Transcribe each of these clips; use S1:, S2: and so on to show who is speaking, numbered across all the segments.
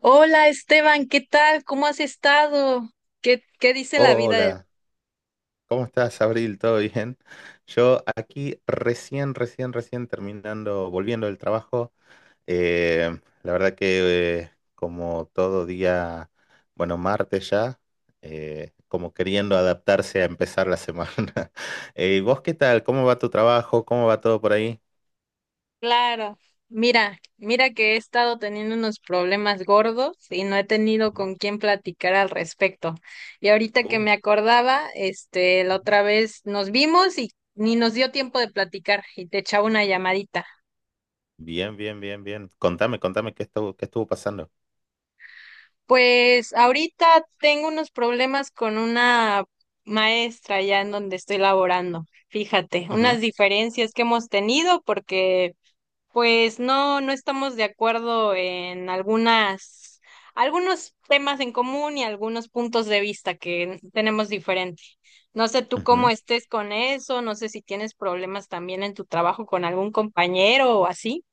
S1: Hola Esteban, ¿qué tal? ¿Cómo has estado? ¿Qué, qué dice la vida del...
S2: Hola, ¿cómo estás, Abril? ¿Todo bien? Yo aquí recién terminando, volviendo del trabajo. La verdad que como todo día, bueno, martes ya, como queriendo adaptarse a empezar la semana. ¿Vos qué tal? ¿Cómo va tu trabajo? ¿Cómo va todo por ahí?
S1: Claro, mira que he estado teniendo unos problemas gordos y no he tenido
S2: Ujú.
S1: con quién platicar al respecto. Y ahorita que
S2: Uh,
S1: me acordaba, este, la
S2: Ujú.
S1: otra vez nos vimos y ni nos dio tiempo de platicar y te echaba una llamadita.
S2: Bien, bien, bien, bien. Contame qué estuvo pasando.
S1: Pues ahorita tengo unos problemas con una maestra ya en donde estoy laborando. Fíjate,
S2: Ujú,
S1: unas diferencias que hemos tenido porque pues no, no estamos de acuerdo en algunas, algunos temas en común y algunos puntos de vista que tenemos diferente. No sé tú cómo
S2: ujú.
S1: estés con eso, no sé si tienes problemas también en tu trabajo con algún compañero o así.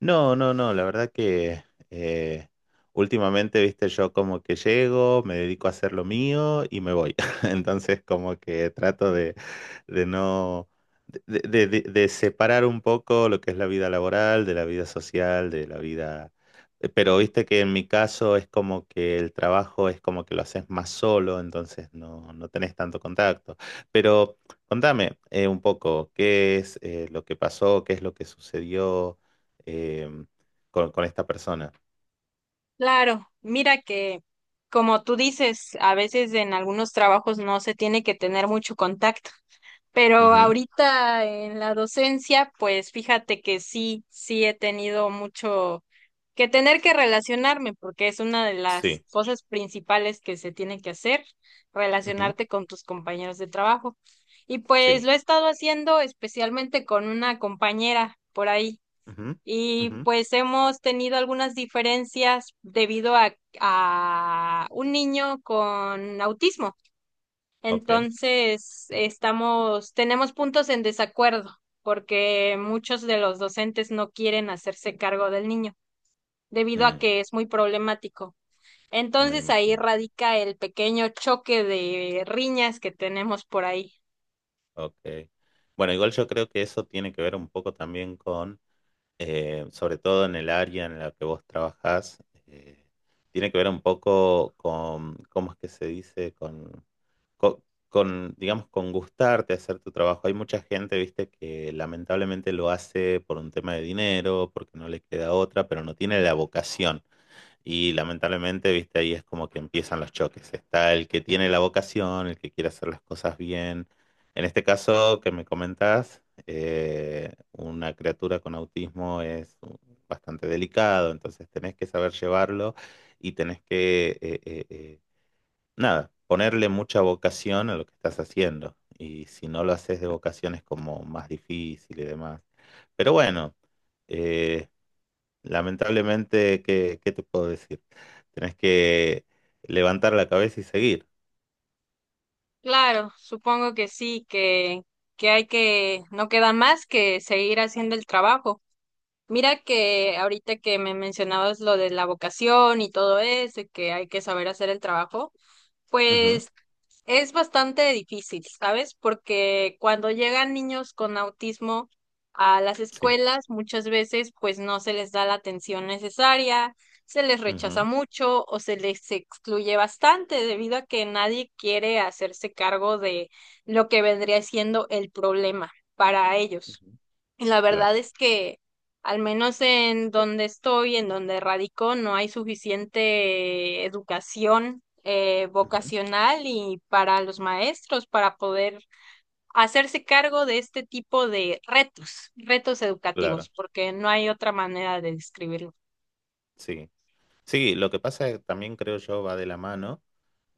S2: No, no, no, la verdad que eh, últimamente, viste, yo como que llego, me dedico a hacer lo mío y me voy. Entonces como que trato de no, de separar un poco lo que es la vida laboral, de la vida social, de la vida. Pero viste que en mi caso es como que el trabajo es como que lo haces más solo, entonces no, no tenés tanto contacto. Pero contame un poco, ¿qué es lo que pasó? ¿Qué es lo que sucedió? eh, con esta persona.
S1: Claro, mira que como tú dices, a veces en algunos trabajos no se tiene que tener mucho contacto, pero
S2: Ujú,
S1: ahorita en la docencia, pues fíjate que sí, sí he tenido mucho que tener que relacionarme, porque es una de las
S2: sí,
S1: cosas principales que se tiene que hacer,
S2: ujú,
S1: relacionarte con tus compañeros de trabajo. Y pues
S2: sí,
S1: lo he estado haciendo especialmente con una compañera por ahí.
S2: ujú,
S1: Y
S2: ujú,
S1: pues hemos tenido algunas diferencias debido a un niño con autismo.
S2: ok,
S1: Entonces, estamos, tenemos puntos en desacuerdo porque muchos de los docentes no quieren hacerse cargo del niño debido a
S2: mm,
S1: que es muy problemático.
S2: me
S1: Entonces, ahí
S2: imagino,
S1: radica el pequeño choque de riñas que tenemos por ahí.
S2: ok. Bueno, igual yo creo que eso tiene que ver un poco también con sobre todo en el área en la que vos trabajás, tiene que ver un poco con, ¿cómo es que se dice? Co- con, digamos, con gustarte hacer tu trabajo. Hay mucha gente, viste, que lamentablemente lo hace por un tema de dinero, porque no le queda otra, pero no tiene la vocación. Y lamentablemente, viste, ahí es como que empiezan los choques. Está el que tiene la vocación, el que quiere hacer las cosas bien. En este caso que me comentás, una criatura con autismo es bastante delicado, entonces tenés que saber llevarlo y tenés que nada, ponerle mucha vocación a lo que estás haciendo. Y si no lo haces de vocación es como más difícil y demás. Pero bueno. Eh, Lamentablemente, ¿qué te puedo decir? Tenés que levantar la cabeza y seguir.
S1: Claro, supongo que sí, que hay que, no queda más que seguir haciendo el trabajo. Mira que ahorita que me mencionabas lo de la vocación y todo eso, y que hay que saber hacer el trabajo,
S2: Ujú,
S1: pues es bastante difícil, ¿sabes? Porque cuando llegan niños con autismo a las
S2: sí,
S1: escuelas, muchas veces pues no se les da la atención necesaria, se les rechaza
S2: ujú,
S1: mucho o se les excluye bastante debido a que nadie quiere hacerse cargo de lo que vendría siendo el problema para ellos.
S2: ujú,
S1: Y la
S2: claro,
S1: verdad es que, al menos en donde estoy, en donde radico, no hay suficiente educación
S2: ujú,
S1: vocacional y para los maestros para poder hacerse cargo de este tipo de retos, retos
S2: claro.
S1: educativos, porque no hay otra manera de describirlo.
S2: Sí. Sí, lo que pasa es que también, creo yo, va de la mano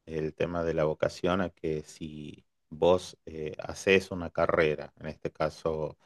S2: el tema de la vocación, a que si vos haces una carrera, en este caso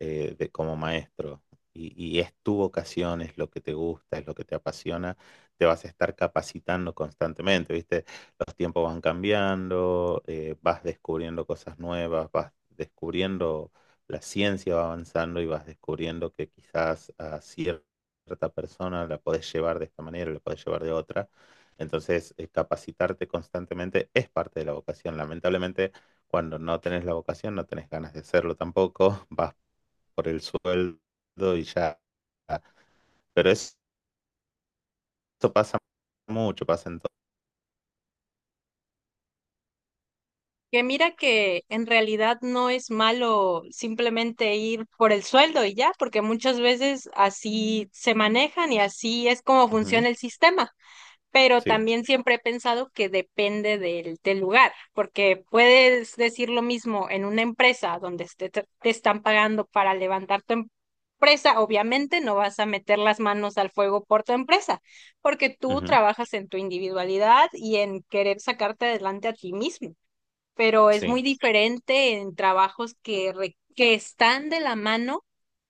S2: como maestro, y, y es tu vocación, es lo que te gusta, es lo que te apasiona, te vas a estar capacitando constantemente, ¿viste? Los tiempos van cambiando, vas descubriendo cosas nuevas, vas descubriendo, la ciencia va avanzando y vas descubriendo que quizás a cierta persona la podés llevar de esta manera, la podés llevar de otra. Entonces, capacitarte constantemente es parte de la vocación. Lamentablemente, cuando no tenés la vocación, no tenés ganas de hacerlo tampoco, vas por el sueldo y ya. Pero es- eso pasa mucho, pasa en todo.
S1: Que mira que en realidad no es malo simplemente ir por el sueldo y ya, porque muchas veces así se manejan y así es como
S2: Ujú,
S1: funciona el sistema. Pero
S2: sí,
S1: también siempre he pensado que depende del, del lugar, porque puedes decir lo mismo en una empresa donde este, te están pagando para levantar tu empresa, obviamente no vas a meter las manos al fuego por tu empresa, porque tú
S2: ujú,
S1: trabajas en tu individualidad y en querer sacarte adelante a ti mismo, pero es muy
S2: sí,
S1: diferente en trabajos que, que están de la mano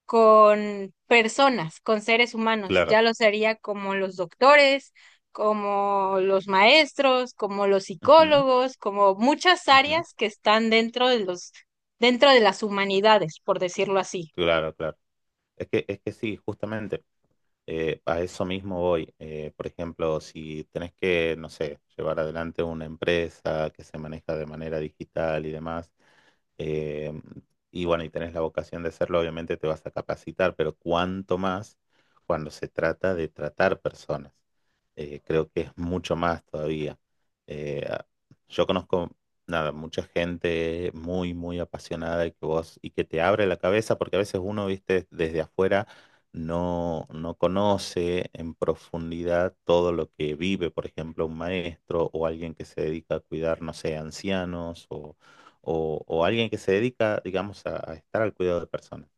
S1: con personas, con seres humanos. Ya
S2: claro,
S1: lo sería como los doctores, como los maestros, como los
S2: ujú,
S1: psicólogos, como muchas
S2: ujú,
S1: áreas que están dentro de los, dentro de las humanidades, por decirlo así.
S2: claro, claro. Es que sí, justamente. A eso mismo voy. Por ejemplo, si tenés que, no sé, llevar adelante una empresa que se maneja de manera digital y demás, eh, y bueno, y tenés la vocación de hacerlo, obviamente te vas a capacitar, pero cuánto más cuando se trata de tratar personas. Creo que es mucho más todavía. Eh, yo conozco, nada, mucha gente muy, muy apasionada y que vos, y que te abre la cabeza, porque a veces uno, viste, desde afuera no, no conoce en profundidad todo lo que vive, por ejemplo, un maestro o alguien que se dedica a cuidar, no sé, ancianos o alguien que se dedica, digamos, a estar al cuidado de personas.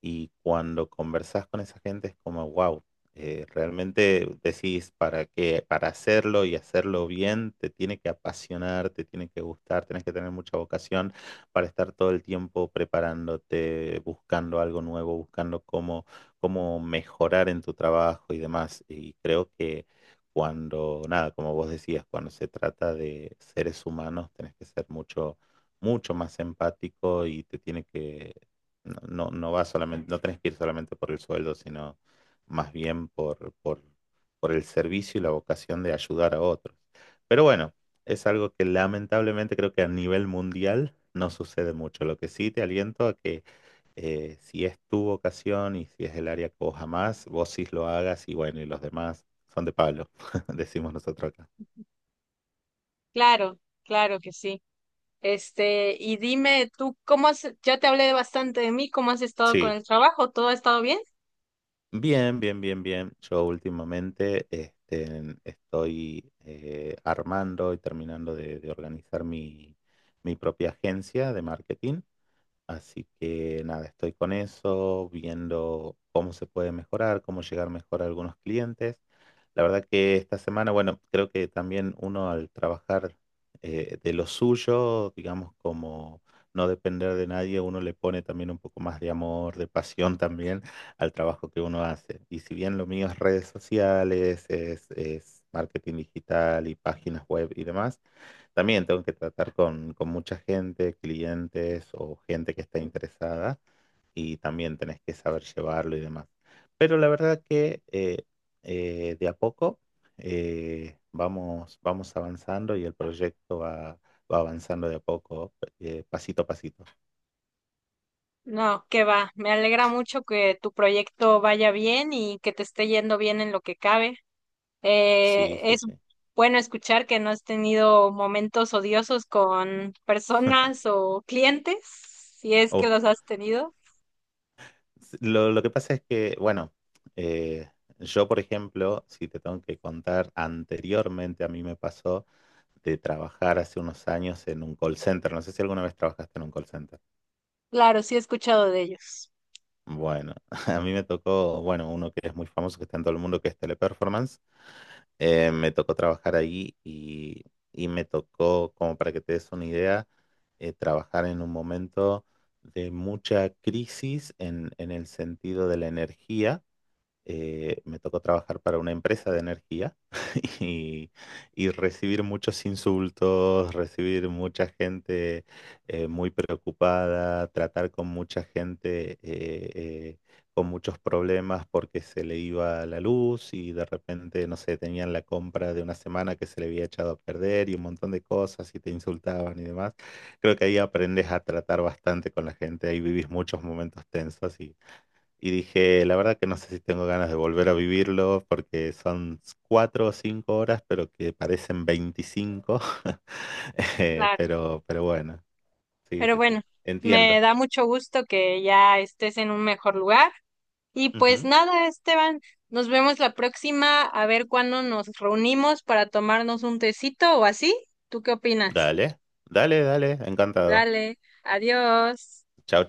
S2: Y cuando conversas con esa gente es como, wow, realmente decís para que, para hacerlo y hacerlo bien, te tiene que apasionar, te tiene que gustar, tienes que tener mucha vocación para estar todo el tiempo preparándote, buscando algo nuevo, buscando cómo mejorar en tu trabajo y demás. Y creo que cuando, nada, como vos decías, cuando se trata de seres humanos, tenés que ser mucho, mucho más empático y te tiene que no, no, no va solamente, no tenés que ir solamente por el sueldo, sino más bien por el servicio y la vocación de ayudar a otros. Pero bueno, es algo que lamentablemente creo que a nivel mundial no sucede mucho. Lo que sí te aliento a que si es tu vocación y si es el área que vos amás, vos sí lo hagas y bueno, y los demás son de palo, decimos nosotros acá.
S1: Claro, claro que sí. Este, y dime tú, ¿cómo has, ya te hablé bastante de mí, ¿cómo has estado con
S2: Sí,
S1: el trabajo? ¿Todo ha estado bien?
S2: bien, bien, bien, bien. Yo últimamente este, estoy armando y terminando de organizar mi propia agencia de marketing. Así que nada, estoy con eso, viendo cómo se puede mejorar, cómo llegar mejor a algunos clientes. La verdad que esta semana, bueno, creo que también uno, al trabajar de lo suyo, digamos, como no depender de nadie, uno le pone también un poco más de amor, de pasión también al trabajo que uno hace. Y si bien lo mío es redes sociales, es marketing digital y páginas web y demás. También tengo que tratar con mucha gente, clientes o gente que está interesada, y también tenés que saber llevarlo y demás. Pero la verdad que de a poco vamos, avanzando y el proyecto va avanzando de a poco, pasito a pasito.
S1: No, que va. Me alegra mucho que tu proyecto vaya bien y que te esté yendo bien en lo que cabe.
S2: Sí, sí,
S1: Es
S2: sí.
S1: bueno escuchar que no has tenido momentos odiosos con personas o clientes, si es que
S2: Uf,
S1: los has tenido.
S2: lo que pasa es que, bueno, eh, yo, por ejemplo, si te tengo que contar, anteriormente a mí me pasó de trabajar hace unos años en un call center. No sé si alguna vez trabajaste en un call center.
S1: Claro, sí he escuchado de ellos.
S2: Bueno, a mí me tocó, bueno, uno que es muy famoso, que está en todo el mundo, que es Teleperformance. Me tocó trabajar ahí y me tocó, como para que te des una idea, trabajar en un momento de mucha crisis en el sentido de la energía. Me tocó trabajar para una empresa de energía y, y recibir muchos insultos, recibir mucha gente muy preocupada, tratar con mucha gente con muchos problemas porque se le iba la luz y de repente, no sé, tenían la compra de una semana que se le había echado a perder y un montón de cosas y te insultaban y demás. Creo que ahí aprendes a tratar bastante con la gente, ahí vivís muchos momentos tensos y dije, la verdad que no sé si tengo ganas de volver a vivirlo porque son 4 o 5 horas, pero que parecen 25. Eh,
S1: Claro.
S2: pero, pero bueno, sí,
S1: Pero
S2: sí, sí.
S1: bueno, me
S2: Entiendo.
S1: da mucho gusto que ya estés en un mejor lugar. Y pues
S2: Ujú.
S1: nada, Esteban, nos vemos la próxima a ver cuándo nos reunimos para tomarnos un tecito o así. ¿Tú qué opinas?
S2: Dale, dale, dale, encantado.
S1: Dale, adiós.
S2: Chao.